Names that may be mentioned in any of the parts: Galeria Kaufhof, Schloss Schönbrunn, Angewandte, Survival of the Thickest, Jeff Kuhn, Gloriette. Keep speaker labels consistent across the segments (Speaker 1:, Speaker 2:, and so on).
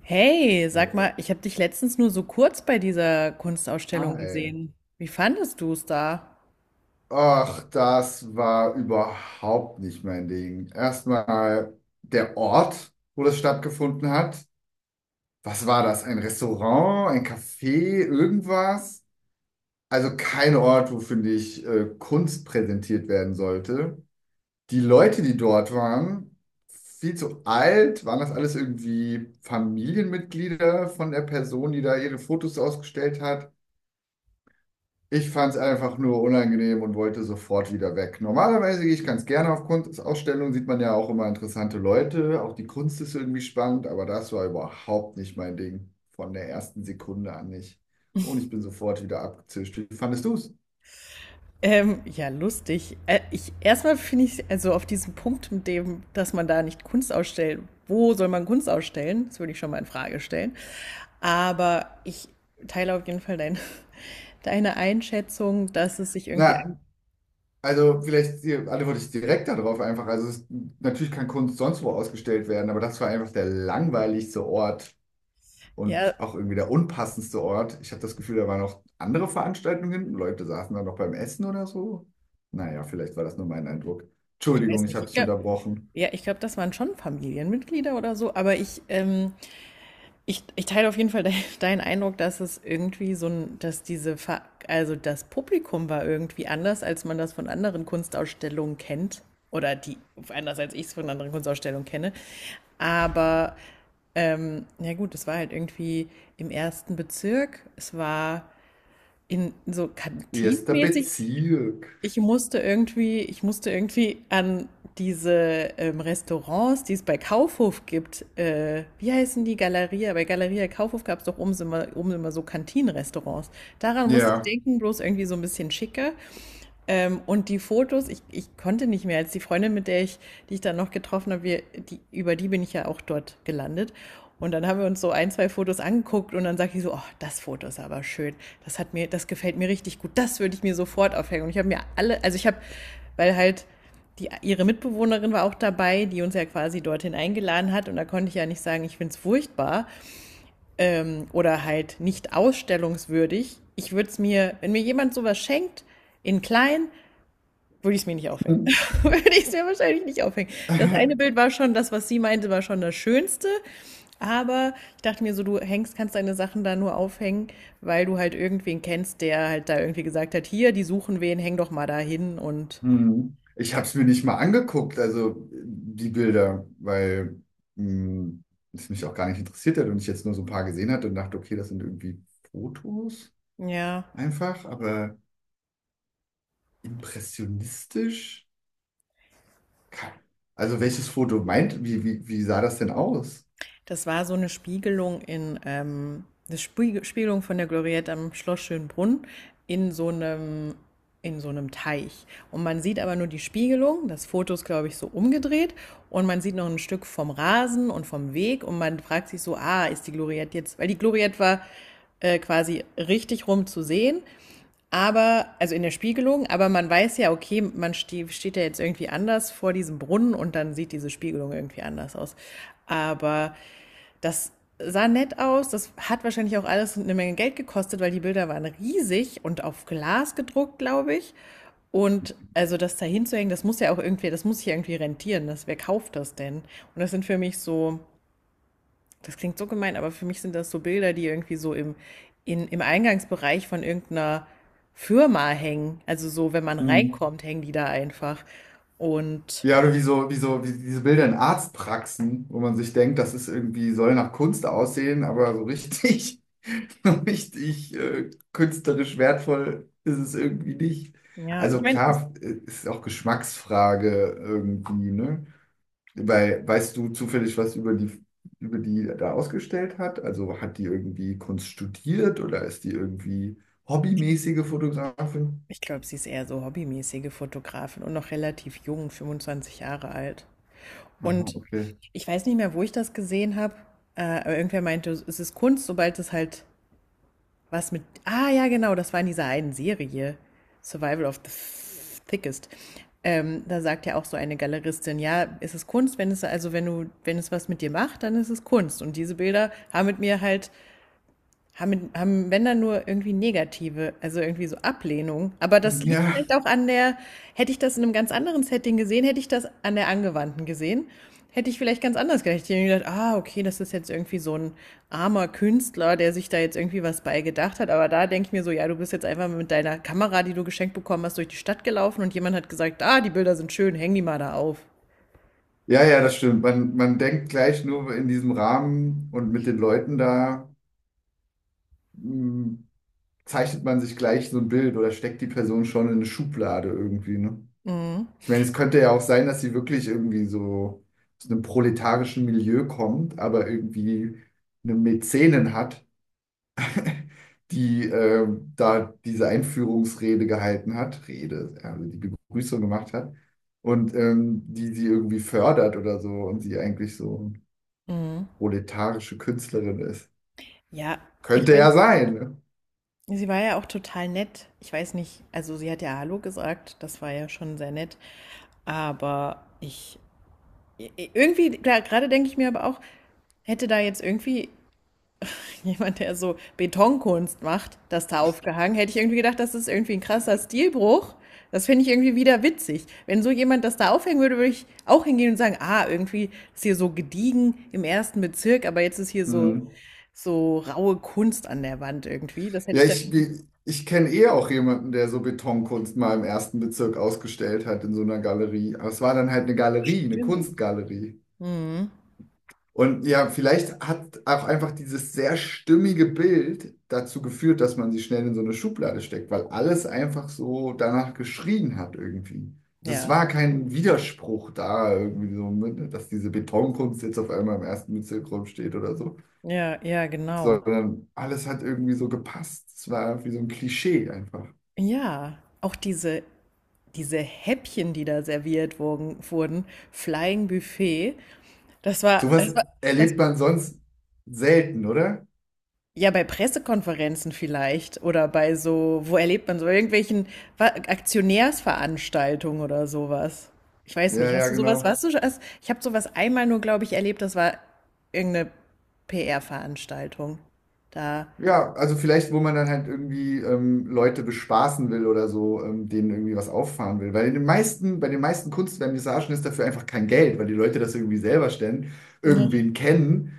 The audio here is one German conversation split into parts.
Speaker 1: Hey, sag mal, ich habe dich letztens nur so kurz bei dieser Kunstausstellung
Speaker 2: Ah,
Speaker 1: gesehen. Wie fandest du es da?
Speaker 2: ach, das war überhaupt nicht mein Ding. Erstmal der Ort, wo das stattgefunden hat. Was war das? Ein Restaurant, ein Café, irgendwas? Also kein Ort, wo, finde ich, Kunst präsentiert werden sollte. Die Leute, die dort waren, viel zu alt. Waren das alles irgendwie Familienmitglieder von der Person, die da ihre Fotos ausgestellt hat? Ich fand es einfach nur unangenehm und wollte sofort wieder weg. Normalerweise gehe ich ganz gerne auf Kunstausstellungen, sieht man ja auch immer interessante Leute, auch die Kunst ist irgendwie spannend, aber das war überhaupt nicht mein Ding. Von der ersten Sekunde an nicht. Und ich bin sofort wieder abgezischt. Wie fandest du es?
Speaker 1: Ja, lustig. Ich erstmal finde ich, also auf diesen Punkt mit dem, dass man da nicht Kunst ausstellt. Wo soll man Kunst ausstellen? Das würde ich schon mal in Frage stellen. Aber ich teile auf jeden Fall dein, deine Einschätzung, dass es sich irgendwie
Speaker 2: Na,
Speaker 1: an.
Speaker 2: also vielleicht hier antworte ich direkt darauf einfach. Also es, natürlich kann Kunst sonst wo ausgestellt werden, aber das war einfach der langweiligste Ort und
Speaker 1: Ja,
Speaker 2: auch irgendwie der unpassendste Ort. Ich habe das Gefühl, da waren noch andere Veranstaltungen hinten. Leute saßen da noch beim Essen oder so. Naja, vielleicht war das nur mein Eindruck.
Speaker 1: ich
Speaker 2: Entschuldigung,
Speaker 1: weiß
Speaker 2: ich
Speaker 1: nicht.
Speaker 2: habe
Speaker 1: Ich
Speaker 2: dich
Speaker 1: glaube,
Speaker 2: unterbrochen.
Speaker 1: ja, ich glaube, das waren schon Familienmitglieder oder so. Aber ich ich teile auf jeden Fall de deinen Eindruck, dass es irgendwie so ein, dass diese, Ver also das Publikum war irgendwie anders, als man das von anderen Kunstausstellungen kennt. Oder die, anders als ich es von anderen Kunstausstellungen kenne. Aber, ja gut, es war halt irgendwie im ersten Bezirk. Es war in so
Speaker 2: Erster
Speaker 1: kantinenmäßig.
Speaker 2: Bezirk.
Speaker 1: Ich musste irgendwie an diese Restaurants, die es bei Kaufhof gibt, wie heißen die Galeria? Bei Galeria Kaufhof gab es doch oben immer so Kantinenrestaurants. Daran musste ich
Speaker 2: Ja.
Speaker 1: denken, bloß irgendwie so ein bisschen schicker. Und die Fotos, ich konnte nicht mehr, als die Freundin, mit der ich, die ich dann noch getroffen habe, wir, die, über die bin ich ja auch dort gelandet. Und dann haben wir uns so ein, zwei Fotos angeguckt und dann sagt ich so, oh, das Foto ist aber schön. Das hat mir, das gefällt mir richtig gut. Das würde ich mir sofort aufhängen. Und ich habe mir alle, also ich habe, weil halt die, ihre Mitbewohnerin war auch dabei, die uns ja quasi dorthin eingeladen hat. Und da konnte ich ja nicht sagen, ich find's furchtbar oder halt nicht ausstellungswürdig. Ich würde es mir, wenn mir jemand sowas schenkt, in klein, würde ich es mir nicht aufhängen. Würde ich es mir wahrscheinlich nicht aufhängen. Das eine Bild war schon, das, was sie meinte, war schon das Schönste. Aber ich dachte mir so, du hängst, kannst deine Sachen da nur aufhängen, weil du halt irgendwen kennst, der halt da irgendwie gesagt hat, hier, die suchen wen, häng doch mal da hin. Und
Speaker 2: Hm. Ich habe es mir nicht mal angeguckt, also die Bilder, weil hm, es mich auch gar nicht interessiert hat und ich jetzt nur so ein paar gesehen hatte und dachte, okay, das sind irgendwie Fotos
Speaker 1: ja,
Speaker 2: einfach, aber impressionistisch. Kein- Also welches Foto meint, wie sah das denn aus?
Speaker 1: das war so eine Spiegelung in, eine Spiegelung von der Gloriette am Schloss Schönbrunn in so einem, in so einem Teich. Und man sieht aber nur die Spiegelung. Das Foto ist, glaube ich, so umgedreht. Und man sieht noch ein Stück vom Rasen und vom Weg. Und man fragt sich so, ah, ist die Gloriette jetzt, weil die Gloriette war quasi richtig rum zu sehen. Aber, also in der Spiegelung, aber man weiß ja, okay, man steht ja jetzt irgendwie anders vor diesem Brunnen und dann sieht diese Spiegelung irgendwie anders aus. Aber das sah nett aus. Das hat wahrscheinlich auch alles eine Menge Geld gekostet, weil die Bilder waren riesig und auf Glas gedruckt, glaube ich. Und also das da hinzuhängen, das muss ja auch irgendwie, das muss ich ja irgendwie rentieren. Das, wer kauft das denn? Und das sind für mich so, das klingt so gemein, aber für mich sind das so Bilder, die irgendwie so im Eingangsbereich von irgendeiner Firma hängen. Also so, wenn man
Speaker 2: Mhm.
Speaker 1: reinkommt, hängen die da einfach. Und
Speaker 2: Ja, oder wie so, wie so, wie diese Bilder in Arztpraxen, wo man sich denkt, das ist irgendwie, soll nach Kunst aussehen, aber so richtig, so richtig künstlerisch wertvoll ist es irgendwie nicht.
Speaker 1: ja, ich
Speaker 2: Also
Speaker 1: meine,
Speaker 2: klar, ist auch Geschmacksfrage irgendwie, ne? Weil, weißt du zufällig was über die da ausgestellt hat? Also hat die irgendwie Kunst studiert oder ist die irgendwie hobbymäßige Fotografin?
Speaker 1: ich glaube, sie ist eher so hobbymäßige Fotografin und noch relativ jung, 25 Jahre alt.
Speaker 2: Aha,
Speaker 1: Und
Speaker 2: okay.
Speaker 1: ich weiß nicht mehr, wo ich das gesehen habe, aber irgendwer meinte, es ist Kunst, sobald es halt was mit. Ah, ja, genau, das war in dieser einen Serie, Survival of the Thickest. Da sagt ja auch so eine Galeristin, ja, es ist Kunst, wenn es also wenn du wenn es was mit dir macht, dann ist es Kunst. Und diese Bilder haben mit mir halt haben wenn dann nur irgendwie negative, also irgendwie so Ablehnung. Aber das liegt
Speaker 2: Ja.
Speaker 1: vielleicht auch an der, hätte ich das in einem ganz anderen Setting gesehen, hätte ich das an der Angewandten gesehen, hätte ich vielleicht ganz anders gedacht. Ich hätte mir gedacht, ah, okay, das ist jetzt irgendwie so ein armer Künstler, der sich da jetzt irgendwie was bei gedacht hat. Aber da denke ich mir so, ja, du bist jetzt einfach mit deiner Kamera, die du geschenkt bekommen hast, durch die Stadt gelaufen und jemand hat gesagt, ah, die Bilder sind schön, häng die mal da auf.
Speaker 2: Ja, ja, das stimmt. Man denkt gleich nur in diesem Rahmen und mit den Leuten da, mh, zeichnet man sich gleich so ein Bild oder steckt die Person schon in eine Schublade irgendwie, ne?
Speaker 1: Mhm.
Speaker 2: Ich meine, es könnte ja auch sein, dass sie wirklich irgendwie so aus einem proletarischen Milieu kommt, aber irgendwie eine Mäzenin hat, die da diese Einführungsrede gehalten hat, Rede, also die Begrüßung gemacht hat und die sie irgendwie fördert oder so und sie eigentlich so eine
Speaker 1: Mhm.
Speaker 2: proletarische Künstlerin ist.
Speaker 1: Ja, ich
Speaker 2: Könnte
Speaker 1: meine,
Speaker 2: ja sein, ne?
Speaker 1: sie war ja auch total nett. Ich weiß nicht, also sie hat ja Hallo gesagt, das war ja schon sehr nett. Aber ich, irgendwie, klar, gerade denke ich mir aber auch, hätte da jetzt irgendwie jemand, der so Betonkunst macht, das da aufgehangen, hätte ich irgendwie gedacht, das ist irgendwie ein krasser Stilbruch. Das finde ich irgendwie wieder witzig. Wenn so jemand das da aufhängen würde, würde ich auch hingehen und sagen, ah, irgendwie ist hier so gediegen im ersten Bezirk, aber jetzt ist hier
Speaker 2: Hm.
Speaker 1: so raue Kunst an der Wand irgendwie. Das hätte
Speaker 2: Ja,
Speaker 1: ich
Speaker 2: ich,
Speaker 1: dann.
Speaker 2: ich kenne eh auch jemanden, der so Betonkunst mal im ersten Bezirk ausgestellt hat in so einer Galerie. Aber es war dann halt eine Galerie, eine
Speaker 1: Stimmt.
Speaker 2: Kunstgalerie.
Speaker 1: Mhm.
Speaker 2: Und ja, vielleicht hat auch einfach dieses sehr stimmige Bild dazu geführt, dass man sie schnell in so eine Schublade steckt, weil alles einfach so danach geschrien hat irgendwie. Das
Speaker 1: Ja,
Speaker 2: war kein Widerspruch da irgendwie so, ne, dass diese Betonkunst jetzt auf einmal im ersten Bezirk steht oder so,
Speaker 1: ja, ja, genau.
Speaker 2: sondern alles hat irgendwie so gepasst. Es war irgendwie so ein Klischee einfach.
Speaker 1: Ja, auch diese Häppchen, die da serviert wurden, Flying Buffet, das war, das
Speaker 2: Sowas
Speaker 1: war, das,
Speaker 2: erlebt man sonst selten, oder?
Speaker 1: ja, bei Pressekonferenzen vielleicht oder bei so, wo erlebt man so, irgendwelchen Aktionärsveranstaltungen oder sowas. Ich weiß
Speaker 2: Ja,
Speaker 1: nicht,
Speaker 2: ja,
Speaker 1: hast du sowas,
Speaker 2: genau.
Speaker 1: warst du schon, ich habe sowas einmal nur, glaube ich, erlebt, das war irgendeine PR-Veranstaltung. Da.
Speaker 2: Ja, also vielleicht, wo man dann halt irgendwie Leute bespaßen will oder so, denen irgendwie was auffahren will. Weil in den meisten, bei den meisten Kunstvernissagen ist dafür einfach kein Geld, weil die Leute das irgendwie selber stellen,
Speaker 1: Ja.
Speaker 2: irgendwen kennen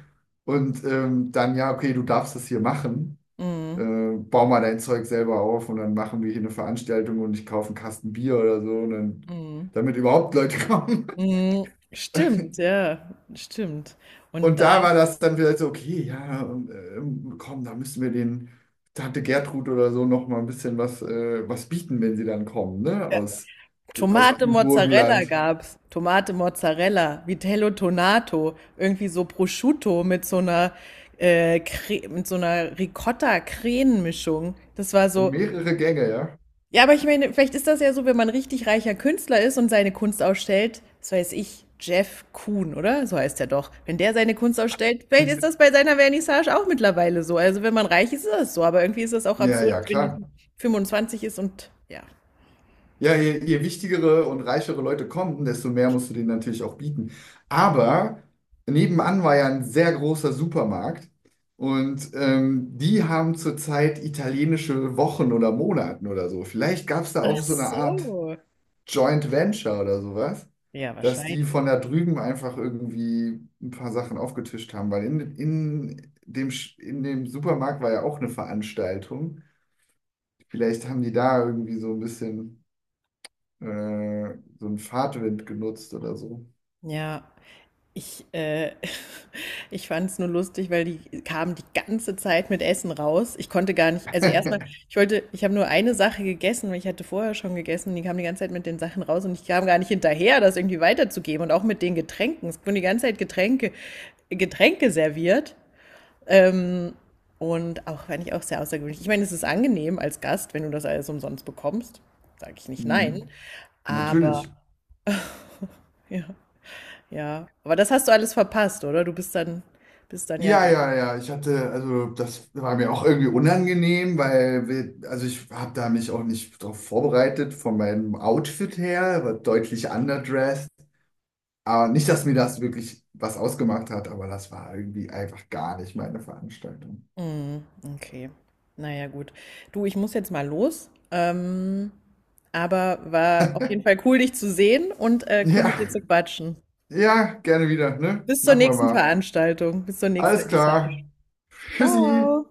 Speaker 2: und dann, ja, okay, du darfst das hier machen,
Speaker 1: Mhm.
Speaker 2: bau mal dein Zeug selber auf und dann machen wir hier eine Veranstaltung und ich kaufe einen Kasten Bier oder so und dann,
Speaker 1: Mhm.
Speaker 2: damit überhaupt Leute kommen.
Speaker 1: Mhm. Stimmt, ja, stimmt. Und
Speaker 2: Und
Speaker 1: da
Speaker 2: da war das dann vielleicht so, okay, ja, komm, da müssen wir den Tante Gertrud oder so noch mal ein bisschen was, was bieten, wenn sie dann kommen, ne? Aus
Speaker 1: Tomate
Speaker 2: dem
Speaker 1: Mozzarella
Speaker 2: Burgenland.
Speaker 1: gab's. Tomate Mozzarella, Vitello Tonato, irgendwie so Prosciutto mit so einer Ricotta-Creme-Mischung. Das war so,
Speaker 2: Mehrere Gänge, ja.
Speaker 1: ja, aber ich meine, vielleicht ist das ja so, wenn man richtig reicher Künstler ist und seine Kunst ausstellt, das weiß ich, Jeff Kuhn, oder? So heißt er doch. Wenn der seine Kunst ausstellt, vielleicht ist das bei seiner Vernissage auch mittlerweile so. Also wenn man reich ist, ist das so. Aber irgendwie ist das auch
Speaker 2: Ja,
Speaker 1: absurd,
Speaker 2: ja,
Speaker 1: wenn die
Speaker 2: klar.
Speaker 1: 25 ist und ja.
Speaker 2: Ja, je wichtigere und reichere Leute kommen, desto mehr musst du denen natürlich auch bieten. Aber nebenan war ja ein sehr großer Supermarkt und die haben zurzeit italienische Wochen oder Monaten oder so. Vielleicht gab es da
Speaker 1: Ach
Speaker 2: auch so eine Art
Speaker 1: so.
Speaker 2: Joint Venture oder sowas,
Speaker 1: Ja,
Speaker 2: dass die
Speaker 1: wahrscheinlich.
Speaker 2: von da drüben einfach irgendwie ein paar Sachen aufgetischt haben, weil in dem, in dem Supermarkt war ja auch eine Veranstaltung. Vielleicht haben die da irgendwie so ein bisschen äh, so einen Fahrtwind genutzt oder so.
Speaker 1: Ja. Ich, äh, Ich fand es nur lustig, weil die kamen die ganze Zeit mit Essen raus. Ich konnte gar nicht, also erstmal, ich wollte, ich habe nur eine Sache gegessen, weil ich hatte vorher schon gegessen und die kamen die ganze Zeit mit den Sachen raus und ich kam gar nicht hinterher, das irgendwie weiterzugeben und auch mit den Getränken. Es wurden die ganze Zeit Getränke serviert. Ähm, und auch, fand ich auch sehr außergewöhnlich. Ich meine, es ist angenehm als Gast, wenn du das alles umsonst bekommst. Sage ich nicht nein.
Speaker 2: Mhm. Natürlich.
Speaker 1: Aber, ja. Ja, aber das hast du alles verpasst, oder? Du bist dann, ja
Speaker 2: Ja,
Speaker 1: weg.
Speaker 2: ja, ja. Ich hatte, also das war mir auch irgendwie unangenehm, weil wir, also ich habe da mich auch nicht darauf vorbereitet, von meinem Outfit her, war deutlich underdressed. Aber nicht, dass mir das wirklich was ausgemacht hat, aber das war irgendwie einfach gar nicht meine Veranstaltung.
Speaker 1: Mhm, okay. Naja, gut. Du, ich muss jetzt mal los. Aber war auf jeden Fall cool, dich zu sehen und cool
Speaker 2: Ja,
Speaker 1: mit dir zu quatschen.
Speaker 2: ja, gerne wieder, ne?
Speaker 1: Bis zur
Speaker 2: Machen wir
Speaker 1: nächsten
Speaker 2: mal.
Speaker 1: Veranstaltung, bis zur nächsten
Speaker 2: Alles
Speaker 1: Vernissage.
Speaker 2: klar. Tschüssi.
Speaker 1: Ciao.